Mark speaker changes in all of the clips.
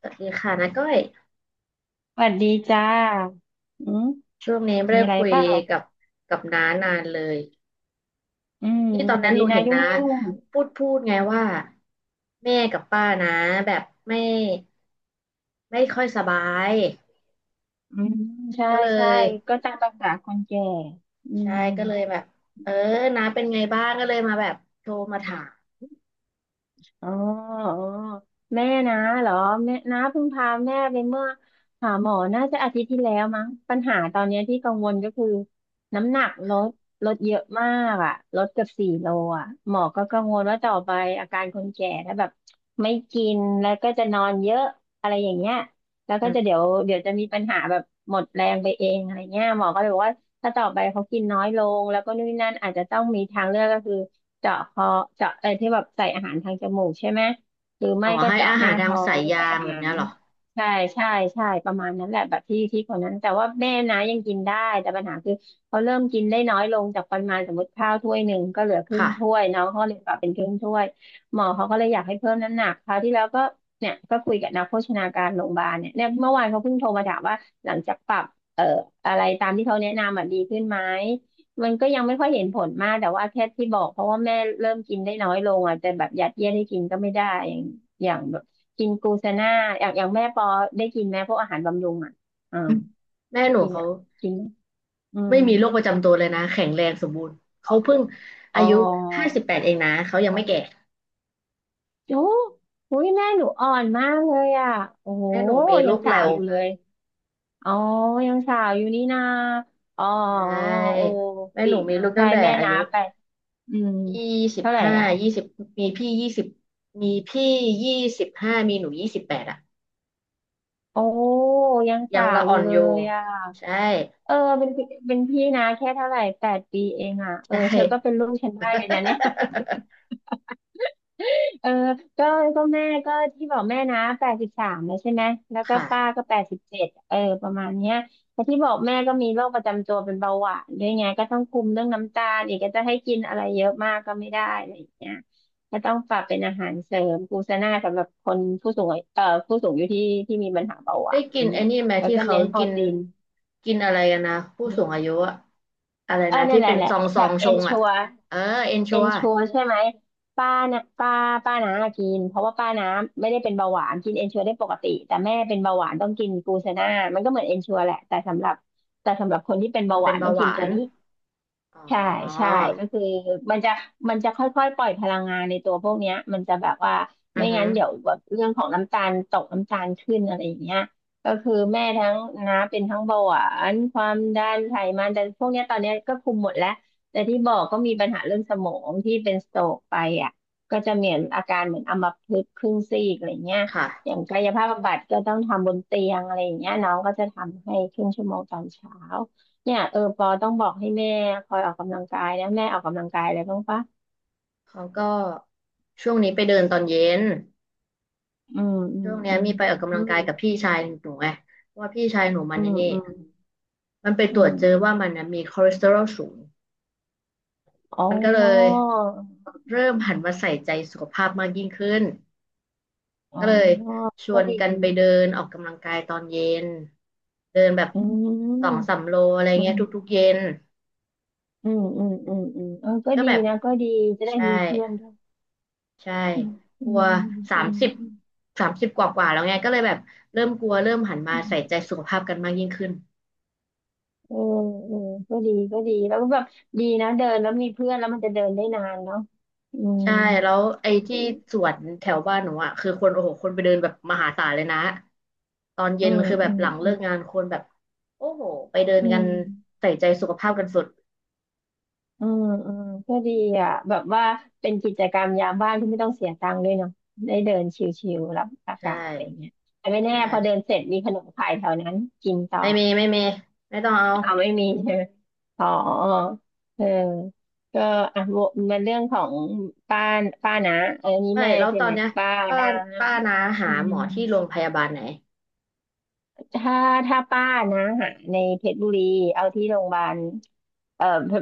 Speaker 1: สวัสดีค่ะน้าก้อย
Speaker 2: สวัสดีจ้าอืม
Speaker 1: ช่วงนี้ไม่
Speaker 2: มี
Speaker 1: ได้
Speaker 2: อะไร
Speaker 1: คุย
Speaker 2: เปล่า
Speaker 1: กับกับน้านานเลย
Speaker 2: อืม
Speaker 1: ที่ตอน
Speaker 2: พอ
Speaker 1: นั้นห
Speaker 2: ดี
Speaker 1: นู
Speaker 2: นา
Speaker 1: เห็น
Speaker 2: ยุ่ง
Speaker 1: น้า
Speaker 2: ยุ่ง
Speaker 1: พูดไงว่าแม่กับป้านะแบบไม่ไม่ค่อยสบาย
Speaker 2: อืมใช่
Speaker 1: ก็เล
Speaker 2: ใช่
Speaker 1: ย
Speaker 2: ก็ตามภาษาคนแก่อื
Speaker 1: ใช่
Speaker 2: ม
Speaker 1: ก็เลยแบบเออน้าเป็นไงบ้างก็เลยมาแบบโทรมาถาม
Speaker 2: อ๋ออ๋อแม่นะเหรอแม่นะเพิ่งพาแม่ไปเมื่อหาหมอน่าจะอาทิตย์ที่แล้วมั้งปัญหาตอนเนี้ยที่กังวลก็คือน้ำหนักลดลดเยอะมากอ่ะลดเกือบ4 โลอ่ะหมอก็กังวลว่าต่อไปอาการคนแก่ถ้าแบบไม่กินแล้วก็จะนอนเยอะอะไรอย่างเงี้ยแล้ว
Speaker 1: อื
Speaker 2: ก็
Speaker 1: ม
Speaker 2: จะเดี๋ยวเดี๋ยวจะมีปัญหาแบบหมดแรงไปเองอะไรเงี้ยหมอก็เลยบอกว่า ถ้าต่อไปเขากินน้อยลงแล้วก็นู่นนนั่นอาจจะต้องมีทางเลือกก็คือเจาะคอเจาะที่แบบใส่อาหารทางจมูกใช่ไหมหรือ
Speaker 1: อ๋
Speaker 2: ไม่
Speaker 1: อ
Speaker 2: ก็
Speaker 1: ให้
Speaker 2: เจาะ
Speaker 1: อา
Speaker 2: ห
Speaker 1: หา
Speaker 2: น้า
Speaker 1: รทาง
Speaker 2: ท้อ
Speaker 1: สาย
Speaker 2: ง
Speaker 1: ยา
Speaker 2: ใส่
Speaker 1: ง
Speaker 2: อา
Speaker 1: แบบ
Speaker 2: หา
Speaker 1: เนี้
Speaker 2: ร
Speaker 1: ยเหรอ
Speaker 2: ใช่ใช่ใช่ประมาณนั้นแหละแบบที่ที่คนนั้นแต่ว่าแม่นะยังกินได้แต่ปัญหาคือเขาเริ่มกินได้น้อยลงจากปริมาณสมมติข้าวถ้วยหนึ่งก็เหลือครึ่ง
Speaker 1: ค่ะ
Speaker 2: ถ้วยน้องเขาเลยปรับเป็นครึ่งถ้วยหมอเขาก็เลยอยากให้เพิ่มน้ำหนักคราวที่แล้วก็เนี่ยก็คุยกับนักโภชนาการโรงพยาบาลเนี่ยเนี่ยเมื่อวานเขาเพิ่งโทรมาถามว่าหลังจากปรับ เอ่ออะไรตามที่เขาแนะนำอ่ะดีขึ้นไหมมันก็ยังไม่ค่อยเห็นผลมากแต่ว่าแค่ที่บอกเพราะว่าแม่เริ่มกินได้น้อยลงอ่ะแต่แบบยัดเยียดให้กินก็ไม่ได้อย่างอย่างแบบกินกลูเซน่าอย่างอย่างแม่ปอได้กินไหมพวกอาหารบำรุงอ่ะอ่า
Speaker 1: อืมแม่หนู
Speaker 2: กิน
Speaker 1: เขา
Speaker 2: อ่ะกินไหมอื
Speaker 1: ไม่
Speaker 2: ม
Speaker 1: มีโรคประจำตัวเลยนะแข็งแรงสมบูรณ์เขาเพิ่ง
Speaker 2: อ๋
Speaker 1: อา
Speaker 2: อ
Speaker 1: ยุ58เองนะเขายังไม่แก่
Speaker 2: โอ้โหแม่หนูอ่อนมากเลยอ่ะโอ้โห
Speaker 1: แม่หนูมี
Speaker 2: ยั
Speaker 1: ลู
Speaker 2: ง
Speaker 1: ก
Speaker 2: สา
Speaker 1: เร็
Speaker 2: ว
Speaker 1: ว
Speaker 2: อยู่เลยอ๋อยังสาวอยู่นี่นาอ๋อ
Speaker 1: ใช
Speaker 2: โอ้
Speaker 1: ่แม่
Speaker 2: อี
Speaker 1: หนู
Speaker 2: ก
Speaker 1: มี
Speaker 2: อ่ะ
Speaker 1: ลูก
Speaker 2: ใช่
Speaker 1: ตั้งแต่
Speaker 2: แม่
Speaker 1: อา
Speaker 2: นั
Speaker 1: ยุ
Speaker 2: บไปอืม
Speaker 1: ยี่สิบ
Speaker 2: เท่าไหร่
Speaker 1: ห้า
Speaker 2: อ่ะ
Speaker 1: ยี่สิบมีพี่ยี่สิบมีพี่ยี่สิบห้ามีหนู28อะ
Speaker 2: โอ้ยัง
Speaker 1: ยั
Speaker 2: สา
Speaker 1: ง
Speaker 2: ว
Speaker 1: ละ
Speaker 2: อ
Speaker 1: อ่อ
Speaker 2: ยู่
Speaker 1: น
Speaker 2: เล
Speaker 1: อยู่
Speaker 2: ยอ่ะ
Speaker 1: ใช่
Speaker 2: เออเป็นพี่เป็นพี่นะแค่เท่าไหร่8 ปีเองอ่ะเออ
Speaker 1: ใช่
Speaker 2: เธอก็เป็นลูกฉันได้เลยนะเนี่ย เออก็ก็แม่ก็ที่บอกแม่นะ83แล้วใช่ไหมแล้วก็
Speaker 1: ค่ะ
Speaker 2: ป้าก็87เออประมาณเนี้ยแต่ที่บอกแม่ก็มีโรคประจำตัวเป็นเบาหวานด้วยไงก็ต้องคุมเรื่องน้ำตาลอีกก็จะให้กินอะไรเยอะมากก็ไม่ได้อะไรอย่างเงี้ยก็ต้องปรับเป็นอาหารเสริมกลูเสน่าสำหรับคนผู้สูงอายุผู้สูงอายุที่ที่มีปัญหาเบาห
Speaker 1: ได้
Speaker 2: วาน
Speaker 1: กิ
Speaker 2: อ
Speaker 1: น
Speaker 2: ย่าง
Speaker 1: ไอ้
Speaker 2: เงี้ย
Speaker 1: นี่ไหม
Speaker 2: แล้ว
Speaker 1: ที่
Speaker 2: ก็
Speaker 1: เขา
Speaker 2: เน้นโปร
Speaker 1: กิน
Speaker 2: ตีน
Speaker 1: กินอะไรกันนะผู้
Speaker 2: เอ
Speaker 1: สูงอายุ
Speaker 2: อ
Speaker 1: อะอะไรนะ
Speaker 2: เนี่
Speaker 1: ที่
Speaker 2: ยแหละ
Speaker 1: เป็น
Speaker 2: แหละ
Speaker 1: ซองซ
Speaker 2: แบ
Speaker 1: อ
Speaker 2: บ
Speaker 1: ง
Speaker 2: เอ
Speaker 1: ช
Speaker 2: น
Speaker 1: ง
Speaker 2: ชั
Speaker 1: อะ
Speaker 2: ว
Speaker 1: เออเอน
Speaker 2: เอ
Speaker 1: ชัว
Speaker 2: นชัวใช่ไหมป้านะป้าป้าน้ากินเพราะว่าป้าน้าไม่ได้เป็นเบาหวานกินเอนชัวได้ปกติแต่แม่เป็นเบาหวานต้องกินกลูเซน่ามันก็เหมือนเอนชัวแหละแต่สำหรับคนที่เป็น
Speaker 1: มั
Speaker 2: เบา
Speaker 1: น
Speaker 2: ห
Speaker 1: เป็น
Speaker 2: วานต้
Speaker 1: เบา
Speaker 2: อง
Speaker 1: ห
Speaker 2: กิน
Speaker 1: วา
Speaker 2: ตั
Speaker 1: น
Speaker 2: วนี้
Speaker 1: อ๋
Speaker 2: ใช่ใช่
Speaker 1: อ
Speaker 2: ก็คือมันจะมันจะค่อยๆปล่อยพลังงานในตัวพวกเนี้ยมันจะแบบว่า
Speaker 1: อื
Speaker 2: ไม่
Speaker 1: อฮึ
Speaker 2: งั้นเดี๋ยวแบบเรื่องของน้ำตาลตกน้ำตาลขึ้นอะไรอย่างเงี้ยก็คือแม่ทั้งน้าเป็นทั้งเบาหวานความดันไขมันแต่พวกเนี้ยตอนเนี้ยก็คุมหมดแล้วแต่ที่บอกก็มีปัญหาเรื่องสมองที่เป็นสโตรกไปอ่ะก็จะเหมือนอาการเหมือนอัมพฤกษ์ครึ่งซีกอะไรเงี้ยอ
Speaker 1: ค่ะ
Speaker 2: ย่างกายภาพบำบัดก็ต้องทำบนเตียงอะไรอย่างเงี้ยน้องก็จะทำให้ครึ่งชั่วโมงตอนเช้า เนี่ยเออปอต้องบอกให้แม่คอยออกกำลังกายนะแม่ออกกำลังกายอะไรบ้างปะ
Speaker 1: เขาก็ช่วงนี้ไปเดินตอนเย็น
Speaker 2: อืมอื
Speaker 1: ช่
Speaker 2: ม
Speaker 1: วงเนี้ยมีไปออกกำ
Speaker 2: อื
Speaker 1: ลังกายกับ
Speaker 2: ม
Speaker 1: พี่ชายหนูไงเพราะว่าพี่ชายหนูมัน
Speaker 2: อื
Speaker 1: ใน
Speaker 2: ม
Speaker 1: นี่
Speaker 2: อืม
Speaker 1: มันไป
Speaker 2: อื
Speaker 1: ต
Speaker 2: ม
Speaker 1: รวจ
Speaker 2: อืม
Speaker 1: เจอว่ามันนะมีคอเลสเตอรอลสูง
Speaker 2: อ๋อ
Speaker 1: มันก็เลยเริ่ม
Speaker 2: อื
Speaker 1: หันมา
Speaker 2: ม
Speaker 1: ใส่ใจสุขภาพมากยิ่งขึ้น
Speaker 2: อ๋อ
Speaker 1: ก็เลยชว
Speaker 2: ก็
Speaker 1: น
Speaker 2: ดี
Speaker 1: กันไปเดินออกกำลังกายตอนเย็นเดินแบบ
Speaker 2: อืม
Speaker 1: สองสามโลอะไร
Speaker 2: อื
Speaker 1: เงี้
Speaker 2: ม
Speaker 1: ยทุกๆเย็น
Speaker 2: อืมอืมอืมอืมเออก็
Speaker 1: ก็
Speaker 2: ดี
Speaker 1: แบบ
Speaker 2: นะก็ดีจะได้
Speaker 1: ใช่
Speaker 2: มีเพื่อนด้วย
Speaker 1: ใช่
Speaker 2: อืมอื
Speaker 1: กลัว
Speaker 2: ม
Speaker 1: สา
Speaker 2: อื
Speaker 1: ม
Speaker 2: ม
Speaker 1: สิบสามสิบกว่ากว่าๆแล้วไงก็เลยแบบเริ่มกลัวเริ่มหันมา
Speaker 2: อื
Speaker 1: ใส่
Speaker 2: ม
Speaker 1: ใจสุขภาพกันมากยิ่งขึ้น
Speaker 2: เออเออก็ดีก็ดีแล้วก็แบบดีนะเดินแล้วมีเพื่อนแล้วมันจะเดินได้นานเนาะอืม
Speaker 1: ใช่แล้วไอ้ที่สวนแถวบ้านหนูอ่ะคือคนโอ้โหคนไปเดินแบบมหาศาลเลยนะตอนเย็
Speaker 2: อื
Speaker 1: น
Speaker 2: ม
Speaker 1: คือแบ
Speaker 2: อื
Speaker 1: บ
Speaker 2: ม
Speaker 1: หลังเลิกงานคนแบบโอ้โหไปเดิน
Speaker 2: อื
Speaker 1: กัน
Speaker 2: ม
Speaker 1: ใส่ใจสุขภาพกันสุด
Speaker 2: อืมอืมก็ดีอ่ะแบบว่าเป็นกิจกรรมยามว่างที่ไม่ต้องเสียตังค์ด้วยเนาะได้เดินชิลๆรับอา
Speaker 1: ใช่
Speaker 2: กาศอะไรเงี้ยแต่ไม่แน่
Speaker 1: ใช่
Speaker 2: พอเดินเสร็จมีขนมขายแถวนั้นกินต่อ
Speaker 1: ไม่มีไม่มีไม่ต้องเอา
Speaker 2: เอาไม่มีใช่ไหมอ๋อเออก็อ่ะวกมันเรื่องของป้าป้านะเออนี่
Speaker 1: ไม่
Speaker 2: แม่
Speaker 1: แล้ว
Speaker 2: ใช่
Speaker 1: ตอ
Speaker 2: ไห
Speaker 1: น
Speaker 2: ม
Speaker 1: เนี้ย
Speaker 2: ป้า
Speaker 1: ป้า
Speaker 2: นะ
Speaker 1: ป้านาหา
Speaker 2: อื
Speaker 1: หมอที่โรง
Speaker 2: ม
Speaker 1: พยาบาลไหน
Speaker 2: ถ้าถ้าป้านะหาในเพชรบุรีเอาที่โรงพยาบาลเอ่อเพ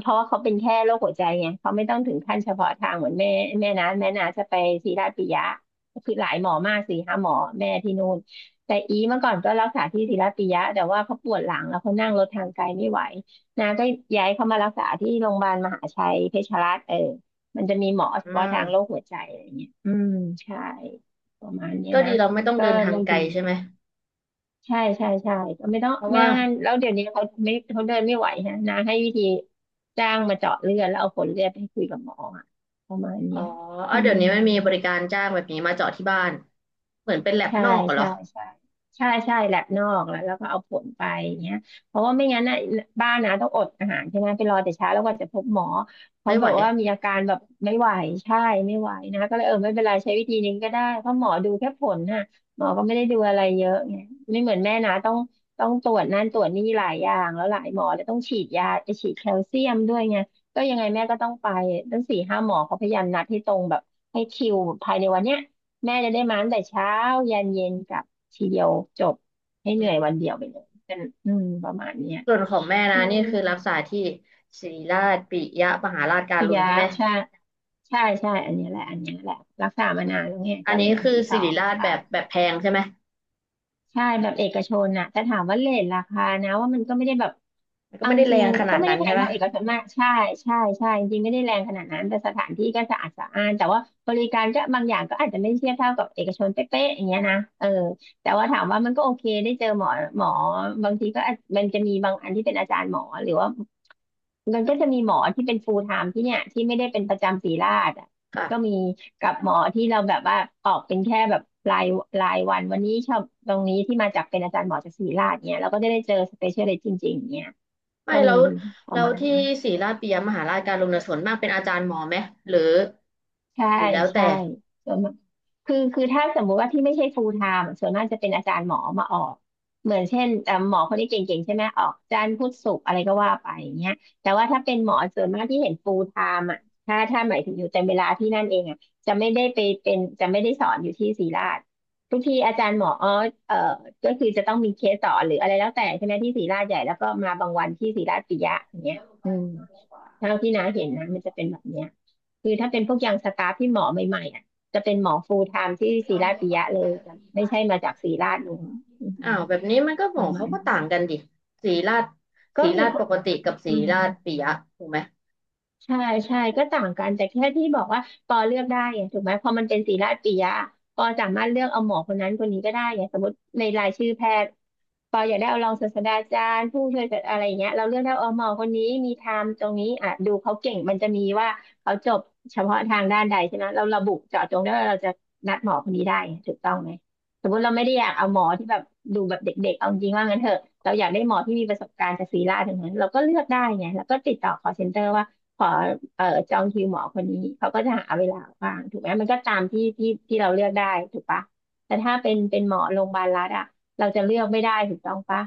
Speaker 2: เพราะว่าเขาเป็นแค่โรคหัวใจไงเขาไม่ต้องถึงขั้นเฉพาะทางเหมือนแม่แม่นะจะไปศิริราชปิยะคือหลายหมอมากสี่ห้าหมอแม่ที่นู่นแต่อีเมื่อก่อนก็รักษาที่ศิริราชปิยะแต่ว่าเขาปวดหลังแล้วเขานั่งรถทางไกลไม่ไหวนะก็ย้ายเขามารักษาที่โรงพยาบาลมหาชัยเพชรรัตน์เออมันจะมีหมอเฉ
Speaker 1: อื
Speaker 2: พาะทางโร
Speaker 1: ม
Speaker 2: คหัวใจอะไรเงี้ยอืมใช่ประมาณเนี้ย
Speaker 1: ก็ดี
Speaker 2: นะ
Speaker 1: เราไม่ต้อง
Speaker 2: ก็
Speaker 1: เดินทาง
Speaker 2: บาง
Speaker 1: ไกล
Speaker 2: ที
Speaker 1: ใช่ไหม
Speaker 2: ใช่ใช่ใช่ไม่ต้อง
Speaker 1: เพราะ
Speaker 2: ไม่
Speaker 1: ว่า
Speaker 2: ต้องนั่นแล้วเดี๋ยวนี้เขาเดินไม่ไหวฮะนาให้วิธีจ้างมาเจาะเลือดแล้วเอาผลเลือดไปคุยกับหมออะประมาณ
Speaker 1: อ๋
Speaker 2: เนี้
Speaker 1: อ
Speaker 2: ย
Speaker 1: เอา
Speaker 2: อื
Speaker 1: เดี๋ย
Speaker 2: ม
Speaker 1: วนี้ไม่มีบริการจ้างแบบนี้มาเจาะที่บ้านเหมือนเป็นแลบ
Speaker 2: ใช่
Speaker 1: นอกอะเหร
Speaker 2: ใช่
Speaker 1: อ
Speaker 2: ใช่ใช่ใช่แลบนอกแล้วก็เอาผลไปอย่างเงี้ยเพราะว่าไม่งั้นน่ะบ้านนะต้องอดอาหารใช่ไหมไปรอแต่เช้าแล้วกว่าจะพบหมอเพ
Speaker 1: ไม่
Speaker 2: ราะ
Speaker 1: ไห
Speaker 2: แบ
Speaker 1: ว
Speaker 2: บว่ามีอาการแบบไม่ไหวใช่ไม่ไหวนะก็เลยเออไม่เป็นไรใช้วิธีนี้ก็ได้เพราะหมอดูแค่ผลน่ะหมอก็ไม่ได้ดูอะไรเยอะไงไม่เหมือนแม่นะต้องตรวจนั่นตรวจนี่หลายอย่างแล้วหลายหมอแล้วต้องฉีดยาไปฉีดแคลเซียมด้วยไงก็ยังไงแม่ก็ต้องไปตั้งสี่ห้าหมอเขาพยายามนัดให้ตรงแบบให้คิวภายในวันเนี้ย แม่จะได้มาตั้งแต่เช้า ยันเย็นกลับทีเดียวจบให้เหนื่อยวันเดียวไปเลยเป็นประมาณเนี้ย
Speaker 1: ส่วนของแม่
Speaker 2: อื
Speaker 1: นะนี่
Speaker 2: ม
Speaker 1: คือรักษาที่ศิริราชปิยมหาราชกา
Speaker 2: พิ
Speaker 1: รุณ
Speaker 2: ยะ
Speaker 1: ใช่ไหม
Speaker 2: ใช่ใช่ใช่อันนี้แหละอันนี้แหละรักษามานานแล้วไง
Speaker 1: อั
Speaker 2: ก็
Speaker 1: น
Speaker 2: เล
Speaker 1: นี้
Speaker 2: ยอัน
Speaker 1: คือ
Speaker 2: นี้
Speaker 1: ศิ
Speaker 2: ต่อ
Speaker 1: ริราช
Speaker 2: ใช่
Speaker 1: แบบแบบแพงใช่ไหม
Speaker 2: ใช่แบบเอกชนน่ะแต่ถามว่าเรทราคานะว่ามันก็ไม่ได้แบบ
Speaker 1: มันก็
Speaker 2: เอา
Speaker 1: ไม่
Speaker 2: จ
Speaker 1: ได้แร
Speaker 2: ริง
Speaker 1: งข
Speaker 2: ๆ
Speaker 1: นา
Speaker 2: ก็
Speaker 1: ด
Speaker 2: ไม่
Speaker 1: นั้
Speaker 2: ได้
Speaker 1: น
Speaker 2: แพ
Speaker 1: ใช่
Speaker 2: ง
Speaker 1: ไหม
Speaker 2: เท่าเอกชนมากใช่ใช่ใช่จริงๆไม่ได้แรงขนาดนั้นแต่สถานที่ก็สะอาดสะอ้านแต่ว่าบริการก็บางอย่างก็อาจจะไม่เทียบเท่ากับเอกชนเป๊ะๆอย่างเงี้ยนะเออแต่ว่าถามว่ามันก็โอเคได้เจอหมอหมอบางทีก็อาจมันจะมีบางอันที่เป็นอาจารย์หมอหรือว่า มันก็จะมีหมอที่เป็น full time ที่เนี่ยที่ไม่ได้เป็นประจำศรีราชอ่ะก็มี
Speaker 1: ค่ะ
Speaker 2: กับหมอที่เราแบบว่าออกเป็นแค่แบบรายรายวันวันนี้ชอบตรงนี้ที่มาจากเป็นอาจารย์หมอจากศรีราชเนี่ยเราก็จะได้เจอ specialist จริงๆเนี่ย
Speaker 1: ไม่
Speaker 2: ก็
Speaker 1: แล้
Speaker 2: มี
Speaker 1: ว
Speaker 2: ป
Speaker 1: แล้
Speaker 2: ระ
Speaker 1: ว
Speaker 2: มาณ
Speaker 1: ที่
Speaker 2: นี้
Speaker 1: ศิริราชปิยมหาราชการุณน่ะส่วนมากเป็นอาจารย์หมอไหมหรือ
Speaker 2: ใช่
Speaker 1: หรือแล้ว
Speaker 2: ใช่
Speaker 1: แต่
Speaker 2: ส่วนมากคือถ้าสมมุติว่าที่ไม่ใช่ full time ส่วนมากจะเป็นอาจารย์หมอมาออกเหมือนเช่นหมอคนนี้เก่งๆใช่ไหมออกจันทร์พุธศุกร์อะไรก็ว่าไปอย่างเงี้ยแต่ว่าถ้าเป็นหมอส่วนมากที่เห็น full time อ่ะถ้าหมายถึงอยู่เต็มเวลาที่นั่นเองอ่ะจะไม่ได้สอนอยู่ที่ศรีราชทุกทีอาจารย์หมออ๋อเอ่อก็คือจะต้องมีเคสสอนหรืออะไรแล้วแต่ใช่ไหมที่ศรีราชใหญ่แล้วก็มาบางวันที่ศรีราชปิยะอย่างเงี้ยอืม เท่าที่น้าเห็นนะมันจะเป็นแบบเนี้ยคือถ้าเป็นพวกยังสตาฟที่หมอใหม่ๆอ่ะจะเป็นหมอฟูลไทม์ที่ศิราปิยะเลยจะไม่ใช่มาจากศิราชนู้นอื
Speaker 1: อ้า
Speaker 2: ม
Speaker 1: วแบบนี้มันก็หม
Speaker 2: ป
Speaker 1: อ
Speaker 2: ระมา
Speaker 1: เขา
Speaker 2: ณ
Speaker 1: ก็
Speaker 2: นี้
Speaker 1: ต่างกันดิศิริราช
Speaker 2: ก็
Speaker 1: ศิริ
Speaker 2: มี
Speaker 1: ราชปกติกับศิ
Speaker 2: อื
Speaker 1: ริ
Speaker 2: ม
Speaker 1: ราชปิยะถูกไหม
Speaker 2: ใช่ใช่ก็ต่างกันแต่แค่ที่บอกว่าปอเลือกได้ไงถูกไหมพอมันเป็นศิราปิยะปอสามารถเลือกเอาหมอคนนั้นคนนี้ก็ได้ไงสมมติในรายชื่อแพทย์ ปออยากได้เอารองศาสตราจารย์ผู้ช่วยอะไรอย่างเงี้ยเราเลือกได้อมอคนนี้มีไทม์ตรงนี้อ่ะดูเขาเก่งมันจะมีว่าเขาจบเฉพาะทางด้านใดใช่ไหมเราระบุเจาะจงได้ว่าเราจะนัดหมอคนนี้ได้ถูกต้องไหมสมมติเราไม่ได้อยากเอาหมอที่แบบดูแบบเด็กๆเอาจริงว่างั้นเถอะเราอยากได้หมอที่มีประสบการณ์จากศรีราชอย่างนั้นเราก็เลือกได้ไงแล้วก็ติดต่อ call center ว่าขอเอ่อจองคิวหมอคนนี้เขาก็จะหาเวลาว่างถูกไหมมันก็ตามที่ที่เราเลือกได้ถูกปะแต่ถ้าเป็นหมอโรงพยาบาลรัฐอะ เราจะเลือกไม่ได้ถูกต้องปะ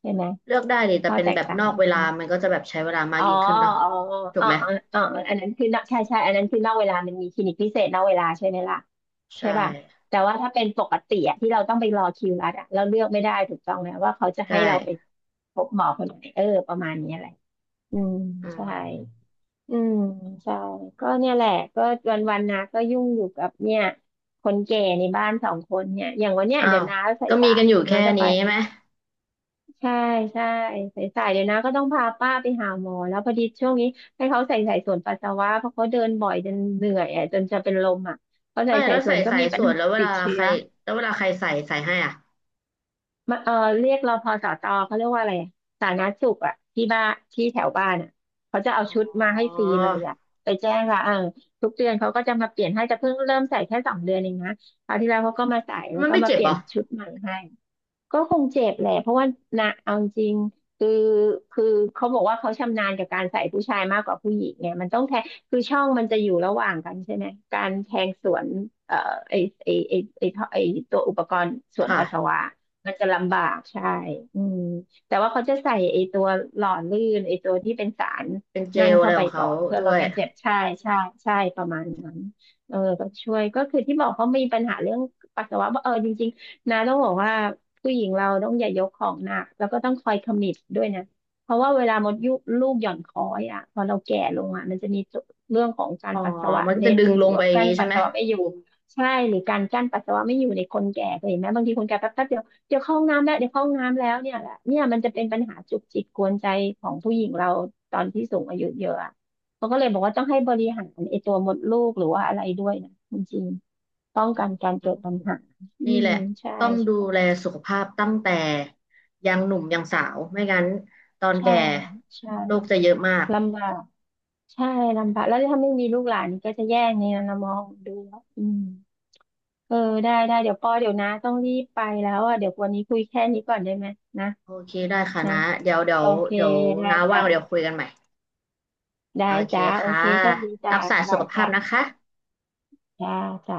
Speaker 2: ใช่ไหม
Speaker 1: เลือกได้ดิแต่
Speaker 2: ข้อ
Speaker 1: เป็น
Speaker 2: แต
Speaker 1: แบ
Speaker 2: ก
Speaker 1: บ
Speaker 2: ต่า
Speaker 1: น
Speaker 2: ง
Speaker 1: อกเวลามันก็จะแบบใช้เวลามาก
Speaker 2: อ๋อ
Speaker 1: ยิ่งขึ้นเนาะ
Speaker 2: อ๋อ
Speaker 1: ถูก
Speaker 2: อ๋อ
Speaker 1: ไหม
Speaker 2: อ๋ออ๋ออันนั้นคือนอกใช่ใช่อันนั้นคือนอกเวลามันมีคลินิกพิเศษนอกเวลาใช่ไหมล่ะใช่
Speaker 1: ใช่
Speaker 2: ป่ะแต่ว่าถ้าเป็นปกติอะที่เราต้องไปรอคิวรัดอะเราเลือกไม่ได้ถูกต้องไหมว่าเขาจะ
Speaker 1: ใช่
Speaker 2: ให้เราไปพบหมอคนไหนเออประมาณนี้แหละอืม
Speaker 1: อื
Speaker 2: ใช่
Speaker 1: ม
Speaker 2: อืมใช่ก็เนี่ยแหละก็วันนะก็ยุ่งอยู่กับเนี่ยคนแก่ในบ้านสองคนเนี่ยอย่างวันเนี้ย
Speaker 1: อ้า
Speaker 2: เดี๋ย
Speaker 1: ว
Speaker 2: วน้าใส่
Speaker 1: ก็มี
Speaker 2: สา
Speaker 1: กัน
Speaker 2: ย
Speaker 1: อยู่
Speaker 2: น้า
Speaker 1: แค่
Speaker 2: จะไป
Speaker 1: นี้ไหม
Speaker 2: ใช่ใช่สายๆเดี๋ยวนะก็ต้องพาป้าไปหาหมอแล้วพอดีช่วงนี้ให้เขาใส่สายสวนปัสสาวะเพราะเขาเดินบ่อยจนเหนื่อยอ่ะจนจะเป็นลมอ่ะเขาใส่
Speaker 1: ไม่
Speaker 2: สา
Speaker 1: แล้
Speaker 2: ย
Speaker 1: ว
Speaker 2: ส
Speaker 1: ใส่
Speaker 2: วนก็
Speaker 1: สาย
Speaker 2: มี
Speaker 1: ส
Speaker 2: ปัญ
Speaker 1: วน
Speaker 2: หา
Speaker 1: แล้วเว
Speaker 2: ติ
Speaker 1: ลา
Speaker 2: ดเชื้
Speaker 1: ใค
Speaker 2: อ
Speaker 1: รแล้วเวลาใครใส่ใส่ให้อ่ะ
Speaker 2: มาเออเรียกรพสตเขาเรียกว่าอะไรอะสาธารณสุขอ่ะที่บ้านที่แถวบ้านอ่ะเขาจะเอา
Speaker 1: อ๋
Speaker 2: ชุดมาให้ฟ
Speaker 1: อ
Speaker 2: รีเลยอ่ะไปแจ้งค่ะเออทุก เดือนเขาก็จะมาเปลี่ยนให้แต่เพิ่งเริ่มใส่แค่สองเดือนเองนะคราวที่แล้วเขาก็มาใส่แล้ว
Speaker 1: มัน
Speaker 2: ก็
Speaker 1: ไม่
Speaker 2: มา
Speaker 1: เจ็
Speaker 2: เป
Speaker 1: บเห
Speaker 2: ลี่
Speaker 1: ร
Speaker 2: ยน
Speaker 1: อ
Speaker 2: ชุดใหม่ให้ ก็คงเจ็บแหละเพราะว่านะเอาจริงคือคือเขาบอกว่าเขาชำนาญกับการใส่ผู้ชายมากกว่าผู้หญิงไงมันต้องแทงคือช่องมันจะอยู่ระหว่างกันใช่ไหมการแทงสวนเอ่อไอไอท่อไอตัวอุปกรณ์ส
Speaker 1: ค
Speaker 2: วนปัสสา
Speaker 1: ่ะ
Speaker 2: วะมันจะลำบาก
Speaker 1: อื
Speaker 2: ใช่
Speaker 1: ม
Speaker 2: อืมแต่ว่าเขาจะใส่ไอตัวหล่อลื่นไอตัวที่เป็นสาร
Speaker 1: เป็นเจ
Speaker 2: นั่น
Speaker 1: ลอะไร
Speaker 2: เข้าไป
Speaker 1: ของ
Speaker 2: ก่
Speaker 1: เขา
Speaker 2: อนเพื่อ
Speaker 1: ด้
Speaker 2: ล
Speaker 1: ว
Speaker 2: ด
Speaker 1: ย
Speaker 2: การเจ็บใช่ใช่ใช่ประมาณนั้นเออก็ช่วยก็คือที่บอกเขามีปัญหาเรื่องปัสสาวะาเออจริงๆนะต้องบอกว่า ผู้หญิงเราต้องอย่ายกของหนักแล้วก็ต้องคอยคำมมิตด้วยนะเพราะว่าเวลามดยุลูกหย่อนคอยอ่ะพอเราแก่ลงอ่ะมันจะมีเรื่องของการ
Speaker 1: อ๋อ
Speaker 2: ปัสสาวะ
Speaker 1: มันจะ
Speaker 2: เล็ด
Speaker 1: ดึง
Speaker 2: ห
Speaker 1: ล
Speaker 2: รือ
Speaker 1: งไป
Speaker 2: ว่า
Speaker 1: อย่าง
Speaker 2: กั้น
Speaker 1: นี้ใช่
Speaker 2: ปัส
Speaker 1: ไหม
Speaker 2: สาวะไม่อยู่ใช่หรือการกั้นปัสสาวะไม่อยู่ในคนแก่เคยเห็นไหมบางทีคนแก่แป๊บแป๊บเดียวเดี๋ยวเข้าห้องน้ำแล้วเดี๋ยวเข้าห้องน้ำแล้วเนี่ยแหละเนี่ยมันจะเป็นปัญหาจุกจิกกวนใจของผู้หญิงเราตอนที่สูงอายุเยอะอะเขาก็เลยบอกว่าต้องให้บริหารไอ้ตัวมดลูกหรือว่าอะไรด้วยนะจริงๆป้อง
Speaker 1: อื
Speaker 2: กันกา
Speaker 1: ม
Speaker 2: รเกิดปัญหาอื
Speaker 1: นี่แห
Speaker 2: ม
Speaker 1: ละ
Speaker 2: ใช่
Speaker 1: ต้องดูแล
Speaker 2: ใช่
Speaker 1: สุขภาพตั้งแต่ยังหนุ่มยังสาวไม่งั้นตอน
Speaker 2: ใช่
Speaker 1: แก่โรค
Speaker 2: ใช่
Speaker 1: จะเยอะมาก
Speaker 2: ลำบากใช่ลำบากแล้วถ้าไม่มีลูกหลานนีก็จะแย่งในนนนะมองดูแล้วอืมเออได้ได้เดี๋ยวปอเดี๋ยวนะต้องรีบไปแล้วอ่ะเดี๋ยววันนี้คุยแค่นี้ก่อนได้ไหมนะ
Speaker 1: โอเคได้ค่ะ
Speaker 2: นะ
Speaker 1: นะเดี๋ยวเดี๋ย
Speaker 2: โอ
Speaker 1: ว
Speaker 2: เค
Speaker 1: เดี๋ยว
Speaker 2: ได้
Speaker 1: น้าว่า
Speaker 2: จ้ะ
Speaker 1: งเดี๋ยวคุยกันใหม่โอ
Speaker 2: ได้
Speaker 1: เค
Speaker 2: จ้ะโอ
Speaker 1: ค่ะ
Speaker 2: เคโชคดีจ้ะ
Speaker 1: รักษาสุ
Speaker 2: บา
Speaker 1: ข
Speaker 2: ย
Speaker 1: ภาพ
Speaker 2: จ้ะ
Speaker 1: นะคะ
Speaker 2: จ้าจ้ะ